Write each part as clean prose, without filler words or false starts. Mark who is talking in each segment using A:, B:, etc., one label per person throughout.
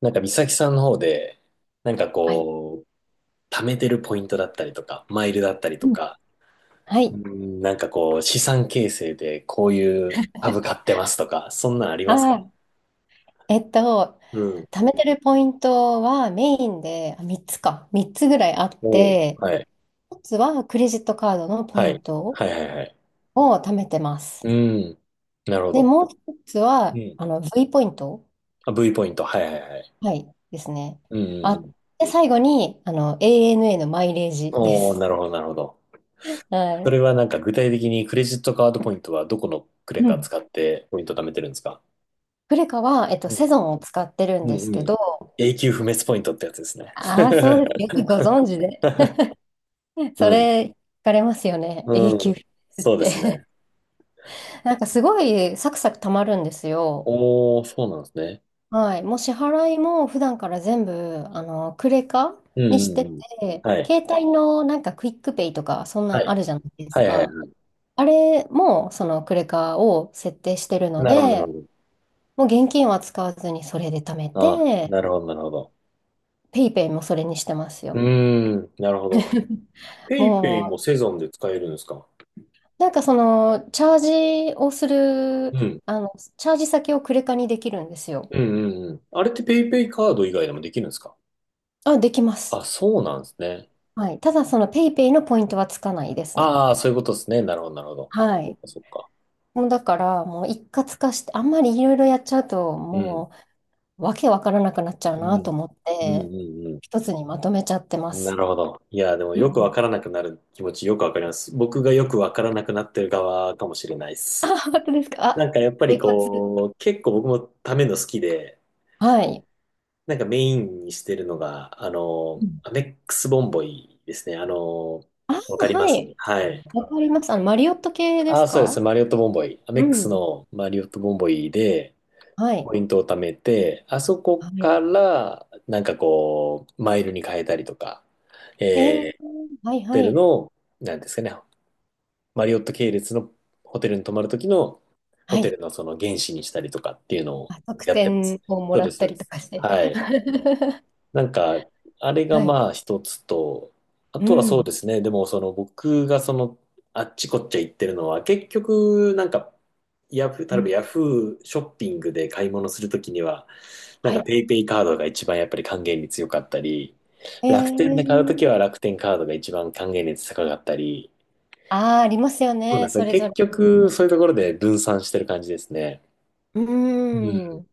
A: なんか美咲さんの方で、なんか
B: はい。
A: こう、貯めてるポイントだったりとか、マイルだったりと
B: うん
A: か、
B: は
A: う
B: い。
A: ん、なんかこう、資産形成でこういう株買ってますとか、そんなんありますか？
B: あー、えっと、
A: うん。
B: 貯めてるポイントはメインで3つか、3つぐらいあっ
A: おう
B: て、
A: はい。
B: 1つはクレジットカードのポ
A: は
B: イ
A: い。
B: ント
A: はいはいはい。
B: を貯めてます。
A: うん。なるほ
B: で、
A: ど。
B: もう1つ
A: う
B: は
A: ん。
B: V ポイント、
A: あ、V ポイント。はいはいはい。
B: はい、ですね。
A: うんうんう
B: あ、
A: ん。
B: で、最後にANA のマイレージで
A: おお
B: す。
A: なるほどなるほど。
B: は
A: そ
B: い。
A: れはなんか具体的にクレジットカードポイントはどこのクレ
B: う
A: カ
B: ん。
A: 使ってポイント貯めてるんですか？
B: クレカは、
A: うん
B: セゾンを使ってるん
A: う
B: です
A: んう
B: け
A: ん。
B: ど、
A: 永久不滅ポイントってやつですね。
B: ああ、そうです。よ くご存知で。そ
A: うん。
B: れ、聞かれますよね。
A: う
B: 永久
A: ん。
B: っ
A: そうです
B: て。
A: ね。
B: なんかすごいサクサク貯まるんですよ。
A: おー、そうなんですね。
B: はい。もう支払いも普段から全部、クレカ
A: う
B: に
A: んう
B: して
A: んうん。
B: て、
A: はい。
B: 携帯のなんかクイックペイとか、そん
A: は
B: なん
A: い。
B: あるじゃないで
A: は
B: す
A: いは
B: か。
A: い。
B: あれも、そのクレカを設定してるの
A: なるほど、
B: で、
A: なるほ
B: もう現金は使わずにそれで貯め
A: ど。あ、
B: て、
A: なるほど、なるほど。
B: ペイペイもそれにしてます
A: う
B: よ。
A: ーん、なるほど。ペイペイも
B: も
A: セゾンで使えるんですか？
B: う、なんかその、ジをする、
A: うん。
B: チャージ先をクレカにできるんですよ。
A: うんうんうん。あれってペイペイカード以外でもできるんですか？
B: できます。
A: あ、そうなんですね。
B: はい。ただ、そのペイペイのポイントはつかないですね。
A: ああ、そういうことですね。なるほど、なるほど。
B: は
A: そっ
B: い。
A: か、そっか。
B: もうだから、もう一括化して、あんまりいろいろやっちゃうと、
A: うん。
B: もう、わけわからなくなっちゃう
A: う
B: なと
A: ん。
B: 思っ
A: うんう
B: て、
A: んうん。
B: 一つにまとめちゃってま
A: な
B: す。
A: るほど。いや、でも
B: う
A: よくわ
B: ん、
A: からなくなる気持ちよくわかります。僕がよくわからなくなってる側かもしれないです。
B: 本当ですか？
A: なんかやっぱ
B: ポ
A: り
B: イ活。
A: こう、結構僕もための好きで、
B: はい。
A: なんかメインにしてるのが、
B: うん、
A: アメックスボンボイですね。
B: あ、
A: わかりま
B: は
A: す。
B: い。
A: はい。
B: わかります。マリオット系で
A: あ
B: す
A: あ、そうで
B: か？
A: す。マリオットボンボイ。アメ
B: う
A: ックス
B: ん、
A: のマリオットボンボイで、
B: はい。
A: ポイントを貯めて、あそこ
B: はい。
A: から、なんかこう、マイルに変えたりとか、
B: えー、
A: えー、
B: は
A: ホ
B: いは
A: テル
B: い。
A: の、なんですかね、マリオット系列のホテルに泊まるときの、ホ
B: は
A: テ
B: い。
A: ルのその原資にしたりとかっていうのを
B: 特
A: やってます。
B: 典をも
A: そう
B: ら
A: で
B: っ
A: す、そ
B: た
A: うで
B: りと
A: す。
B: かして。
A: はい。なんか、あれが
B: はい。
A: まあ一つと、あ
B: う
A: とはそうで
B: ん。
A: すね、でもその僕があっちこっち行ってるのは、結局、なんか、ヤフー、
B: う
A: 例えば
B: ん。
A: ヤフーショッピングで買い物するときには、なん
B: は
A: か
B: い。
A: ペイペイカードが一番やっぱり還元率良かったり、
B: え
A: 楽天で買うときは
B: ー、
A: 楽天カードが一番還元率高かったり、
B: ああ、ありますよ
A: そうなん
B: ね、
A: です
B: そ
A: ね。
B: れ
A: 結
B: ぞれ。
A: 局、そういうところで分散してる感じですね。
B: うー
A: うん。
B: ん。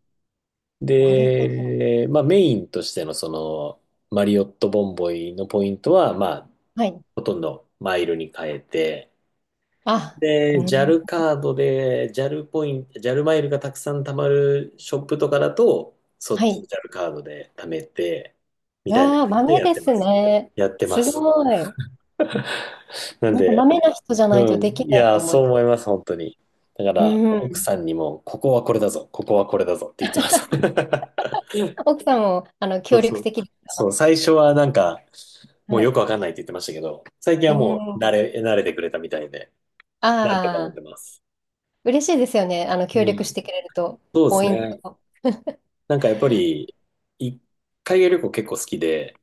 B: なるほど。
A: で、まあメインとしてのその、マリオットボンボイのポイントは、まあ、
B: はい。
A: ほとんどマイルに変えて、
B: あ、う
A: で、
B: ん。
A: JAL カードで、JAL ポイント、ジャルマイルがたくさん貯まるショップとかだと、そ
B: は
A: っちの
B: い。
A: JAL カードで貯めて、みたいな
B: ああ、
A: 感じで
B: 豆
A: やっ
B: で
A: てま
B: す
A: す。
B: ね。
A: やってま
B: す
A: す。
B: ごい。
A: なん
B: なんか
A: で。
B: 豆な人じゃない
A: う
B: と
A: ん。
B: でき
A: い
B: ないと
A: や、
B: 思い
A: そ
B: ま
A: う
B: す。
A: 思います、本当に。だか
B: う
A: ら、奥
B: ん。
A: さんにも、ここはこれだぞ、ここはこれだぞって言ってました。
B: 奥さんも、
A: そ
B: 協
A: うそ
B: 力
A: う。
B: 的です
A: そ
B: か？
A: う、最初はなんか、も
B: は
A: うよ
B: い。
A: くわかんないって言ってましたけど、最近
B: う
A: はもう慣
B: ん。
A: れ、慣れてくれたみたいで、なんとかなっ
B: あ
A: て
B: あ、
A: ます。
B: 嬉しいですよね、
A: う
B: 協力
A: ん。
B: してくれると。
A: そうで
B: ポ
A: す
B: イン
A: ね。
B: ト。
A: なんかやっぱり、一海外旅行結構好きで、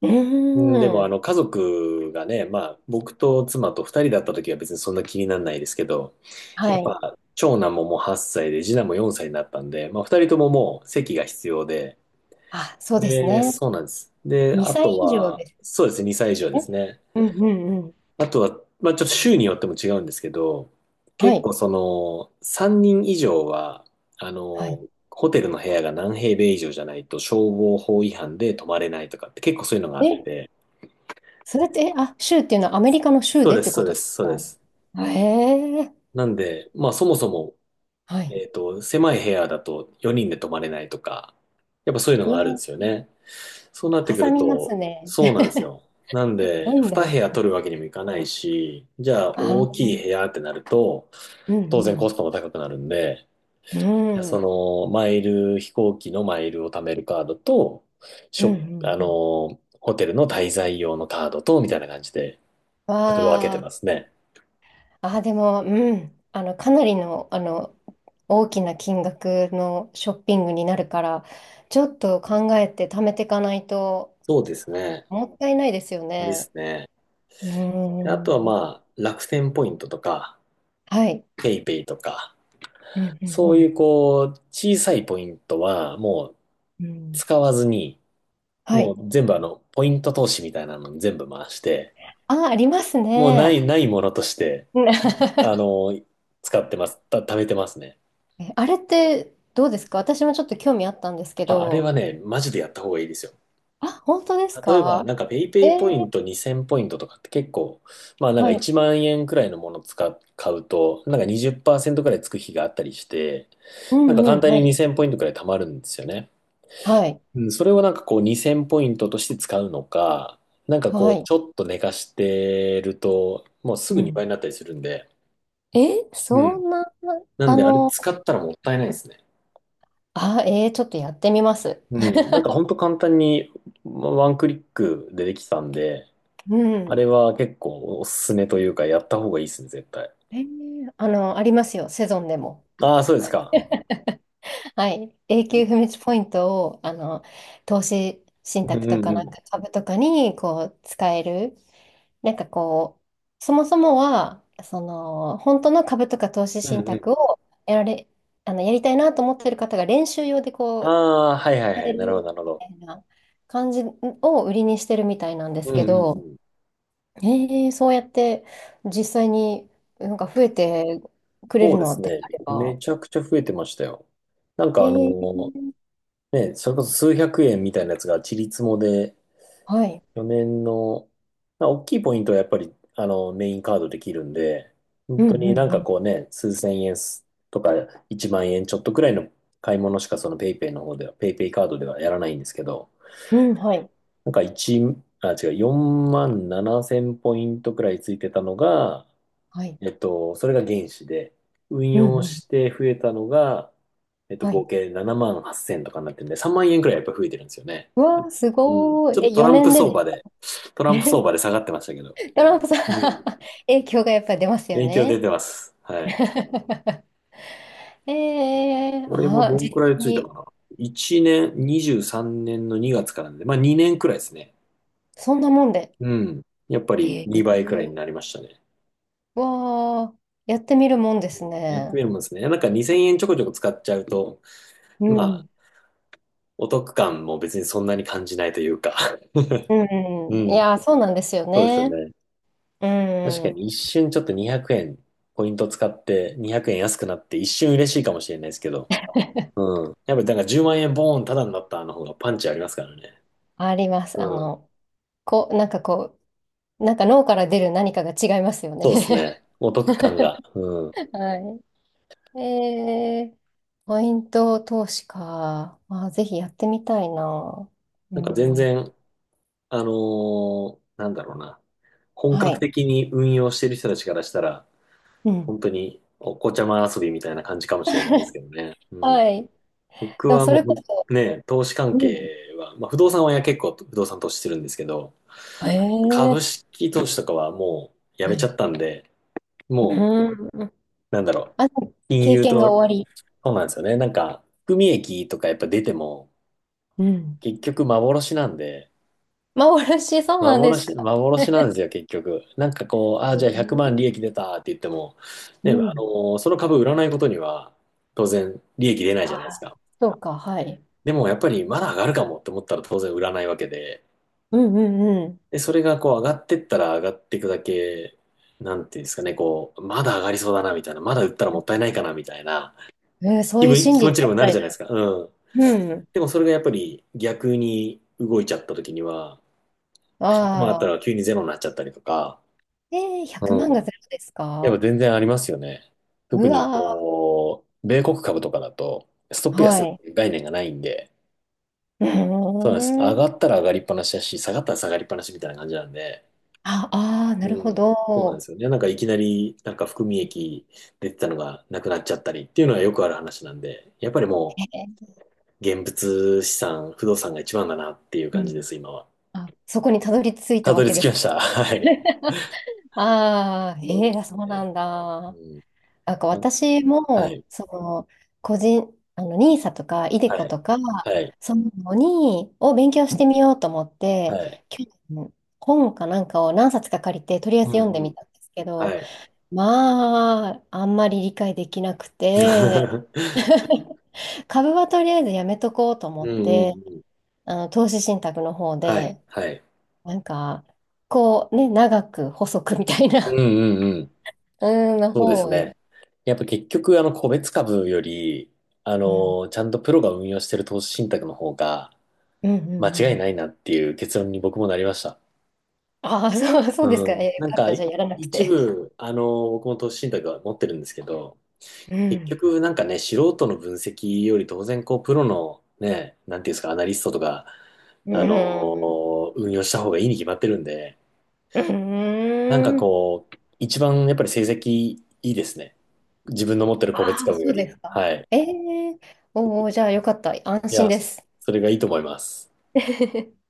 B: う
A: うんでも、
B: ん。
A: 家族がね、まあ、僕と妻と二人だった時は別にそんな気にならないですけど、
B: は
A: やっ
B: い。
A: ぱ、長男ももう8歳で、次男も4歳になったんで、まあ、二人とももう席が必要で、
B: そうです
A: で、
B: ね。
A: そうなんです。で、あ
B: 2
A: と
B: 歳以上
A: は、
B: です
A: そうですね、2歳以上です
B: ね。
A: ね。
B: うんうんうん。
A: あとは、まあ、ちょっと州によっても違うんですけど、
B: は
A: 結
B: い。
A: 構3人以上は、あ
B: はい。
A: の、ホテルの部屋が何平米以上じゃないと消防法違反で泊まれないとかって結構そういうのがあっ
B: え、
A: て、
B: それって、えあ、州っていうのはアメリカの州
A: そう
B: で
A: で
B: って
A: す、そ
B: こ
A: う
B: と
A: で
B: で
A: す、
B: す
A: そうで
B: か？
A: す。
B: へえ、
A: なんで、まあそもそも、
B: はい。
A: 狭い部屋だと4人で泊まれないとか、やっぱそういうの
B: う
A: があるんで
B: わ、
A: すよね。そうなって
B: か
A: く
B: さ
A: る
B: みます
A: と、
B: ね。
A: そうなん ですよ。なん
B: ロ
A: で、
B: ン
A: 2部
B: ド
A: 屋
B: ン。
A: 取るわけにもいかないし、じゃあ大
B: あ、
A: きい部屋ってなると、
B: うん
A: 当
B: う
A: 然コス
B: ん。
A: トも高くなるんで、
B: う
A: じゃあ
B: ん、
A: そ
B: うん
A: の、マイル、飛行機のマイルを貯めるカードと、
B: う
A: ショップ、あ
B: んうん。
A: の、ホテルの滞在用のカードと、みたいな感じで、ちょっと分けて
B: わあ、
A: ますね。
B: でも、うん。かなりの、大きな金額のショッピングになるから、ちょっと考えて貯めていかないと、
A: そうですね。
B: もったいないですよ
A: で
B: ね。
A: すね。
B: うー
A: あとは
B: ん。
A: まあ、楽天ポイントとか、
B: はい。
A: ペイペイとか、
B: うんう
A: そうい
B: ん
A: うこう、小さいポイントはもう
B: うん。うん。
A: 使わずに、
B: は
A: も
B: い。
A: う全部ポイント投資みたいなのに全部回して、
B: あります
A: もうない、
B: ね。
A: ないものとして、
B: うん。
A: あ の、使ってます、た、貯めてますね。
B: あれってどうですか？私もちょっと興味あったんですけ
A: あ、あれ
B: ど。
A: はね、マジでやった方がいいですよ。
B: 本当です
A: 例えば、
B: か？
A: なんかペイペ
B: え
A: イポイ
B: ー
A: ント2000ポイントとかって結構、まあなんか
B: はい。
A: 1万円くらいのもの買うと、なんか20%くらいつく日があったりして、
B: う
A: なん
B: ん
A: か
B: う
A: 簡
B: ん、
A: 単
B: は
A: に
B: い。
A: 2000ポイントくらい貯まるんですよね。
B: はい。
A: うん。それをなんかこう2000ポイントとして使うのか、なんかこ
B: は
A: う
B: い。
A: ちょっと寝かしてると、もうす
B: う
A: ぐ2倍
B: ん。
A: になったりするんで、う
B: そ
A: ん。
B: んな、
A: なん
B: あ
A: であれ
B: の、
A: 使ったらもったいないですね。
B: ちょっとやってみます。
A: うん。ん。なんかほんと簡単にワンクリックでできたんで、
B: う
A: あ
B: ん。
A: れは結構おすすめというかやった方がいいですね、絶対。
B: ありますよ、セゾンでも。
A: ああ、そうですか。
B: はい。永久不滅ポイントを、投資信
A: う
B: 託
A: ん
B: と
A: うん
B: か
A: う
B: なん
A: ん。
B: か株とかに、こう、使える。なんかこう、そもそもは、その、本当の株とか投資
A: うん
B: 信
A: う
B: 託
A: ん。
B: をやられ、あの、やりたいなと思ってる方が練習用でこ
A: あ
B: う、
A: あ、はいはい
B: や
A: は
B: れ
A: い。なるほど、
B: る
A: なるほ
B: み
A: ど。
B: たいな感じを売りにしてるみたいなんで
A: う
B: す
A: ん
B: け
A: うんう
B: ど、
A: ん。
B: そうやって実際になんか増えてくれる
A: そうで
B: の
A: す
B: で
A: ね。
B: あれば。
A: めちゃくちゃ増えてましたよ。なん
B: え
A: か
B: ー、
A: ね、それこそ数百円みたいなやつがちりつもで、
B: はい。
A: 4年の、まあ大きいポイントはやっぱり、メインカードできるんで、
B: う
A: 本
B: ん
A: 当になん
B: う
A: か
B: ん
A: こうね、数千円とか1万円ちょっとくらいの買い物しかそのペイペイの方では、ペイペイカードではやらないんですけど、
B: うん。うん、はい。
A: なんか1、あ、違う、4万7千ポイントくらいついてたのが、
B: はい。
A: それが原資で、運
B: うん
A: 用
B: う
A: し
B: ん。
A: て増えたのが、
B: は
A: 合
B: い。
A: 計7万8千0とかになってるんで、3万円くらいやっぱ増えてるんですよね。
B: うわー、す
A: うん。
B: ごー
A: ちょ
B: い。
A: っとトラン
B: 4
A: プ
B: 年でで
A: 相場で、トランプ
B: す。
A: 相場で 下がってましたけど、
B: ドランプさん、
A: うん。
B: 影響がやっぱり出ますよ
A: 影響出
B: ね。
A: てます。はい。
B: ええ、
A: これもど
B: 実
A: んくらい
B: 際
A: ついたか
B: に、
A: な。1年、23年の2月からなんで、まあ2年くらいですね。
B: そんなもんで。
A: うん。やっぱり
B: ええ、
A: 2倍くらいになりましたね。
B: わあ、やってみるもんです
A: やって
B: ね。
A: みるもんですね。なんか2000円ちょこちょこ使っちゃうと、
B: う
A: まあ、
B: ん。
A: お得感も別にそんなに感じないというか
B: う
A: う
B: ん。い
A: ん。
B: やー、そうなんですよ
A: そうですよ
B: ね。
A: ね。
B: う
A: 確か
B: ん。
A: に一瞬ちょっと200円、ポイント使って200円安くなって一瞬嬉しいかもしれないですけど。うん。やっぱりなんか10万円ボーンタダになったの方がパンチありますからね。
B: あります。
A: うん。
B: こう、なんかこなんか脳から出る何かが違いますよね。
A: そうですね。お得感が。うん。
B: はい。ポイント投資か。ぜひやってみたいな。う
A: なんか全
B: ん。
A: 然、あのなんだろうな。本
B: は
A: 格
B: い。
A: 的に運用してる人たちからしたら、
B: うん。
A: 本当にお子ちゃま遊びみたいな感じかもしれないですけどね。うん。
B: はい。
A: 僕
B: でも
A: は
B: そ
A: も
B: れこそ、
A: うね、投資関
B: うん。
A: 係は、まあ不動産はや結構不動産投資してるんですけど、株
B: ええ、
A: 式投資とかはもうやめ
B: は
A: ちゃ
B: い。
A: ったんで、も
B: うん。
A: う、なんだろう、
B: あ、
A: 金
B: 経
A: 融
B: 験が
A: と、
B: 終わり。
A: そうなんですよね。なんか、含み益とかやっぱ出ても、
B: うん。
A: 結局幻なんで、
B: 幻、そうなんです
A: 幻、
B: か？
A: 幻なんですよ、結局。なんかこう、ああ、
B: え
A: じゃあ100万利
B: え、
A: 益出たって言っても、
B: う
A: ね、
B: ん。
A: その株売らないことには、当然利益出ない
B: あ
A: じゃないです
B: あ、
A: か。
B: そうか、はい。
A: でもやっぱりまだ上がるかもって思ったら当然売らないわけで、
B: うんうんう
A: で、それがこう上がってったら上がっていくだけ、なんていうんですかね、こう、まだ上がりそうだなみたいな、まだ売ったらもったいないかなみたいな
B: ん。そういう心
A: 気
B: 理
A: 持
B: に
A: ちに
B: な
A: も
B: っち
A: な
B: ゃ
A: るじ
B: い
A: ゃないです
B: そ
A: か。うん。
B: う。うん。
A: でもそれがやっぱり逆に動いちゃった時には、100万あった
B: あ
A: ら
B: あ。
A: 急にゼロになっちゃったりとか、
B: で、
A: う
B: 100万
A: ん。
B: がゼロです
A: やっぱ
B: か？
A: 全然ありますよね。特
B: う
A: に
B: わ
A: こう、米国株とかだと、ストッ
B: ー、
A: プ
B: は
A: 安っ
B: い。
A: ていう概念がないんで、
B: う
A: そうなんです。
B: ー
A: 上が
B: ん。
A: ったら上がりっぱなしだし、下がったら下がりっぱなしみたいな感じなんで、
B: ああー、
A: う
B: なるほ
A: ん。そうなんで
B: ど。
A: すよね。なんかいきなり、なんか含み益出てたのがなくなっちゃったりっていうのはよくある話なんで、やっぱりも
B: えー
A: う現物資産、不動産が一番だなっていう
B: う
A: 感じで
B: ん。
A: す、今は。
B: そこにたどり着いた
A: た
B: わ
A: どり
B: け
A: 着
B: で
A: きま
B: す？
A: した。はい。
B: ああ、
A: そうで
B: ええ、
A: す
B: そう
A: ね。
B: なん
A: う
B: だ。
A: ん。
B: なんか私
A: は
B: も、
A: い。
B: その、個人、あの、n i s とか、イデ
A: は
B: コ
A: い。
B: とか、
A: はい。
B: そういうを勉強してみようと思っ
A: は
B: て、
A: い。
B: 去年、本かなんかを何冊か借りて、とりあえ
A: う
B: ず読んで
A: んう
B: み
A: ん。
B: たんですけど、
A: はい。
B: まあ、あんまり理解できなくて、株はとりあえずやめとこうと思
A: う
B: っ
A: んうんう
B: て、
A: ん。
B: 投資信託の方
A: はい。
B: で、
A: はい。
B: なんか、こうね、長く細くみたい
A: うん
B: な、
A: うんうん。
B: うん、の
A: そうで
B: 方
A: す
B: を。
A: ね。やっぱ結局、個別株より、
B: うん、
A: ちゃんとプロが運用してる投資信託の方が、
B: うん、う
A: 間
B: ん、う
A: 違い
B: ん。
A: ないなっていう結論に僕もなりました。
B: ああ、そう、そうです
A: う
B: か。
A: ん。
B: よ
A: なん
B: かっ
A: か、
B: た。じゃあ、やらなく
A: 一
B: て。
A: 部、僕も投資信託は持ってるんですけど、
B: う
A: 結
B: ん。
A: 局なんかね、素人の分析より当然こう、プロのね、なんていうんですか、アナリストとか、
B: うん。
A: 運用した方がいいに決まってるんで、
B: う
A: なんか
B: ん。
A: こう、一番やっぱり成績いいですね。自分の持ってる個別
B: ああ、
A: 株よ
B: そうで
A: り。
B: すか。
A: はい。
B: ええ、おお、じゃあ、よかった。安
A: い
B: 心
A: や、
B: です。
A: それがいいと思います。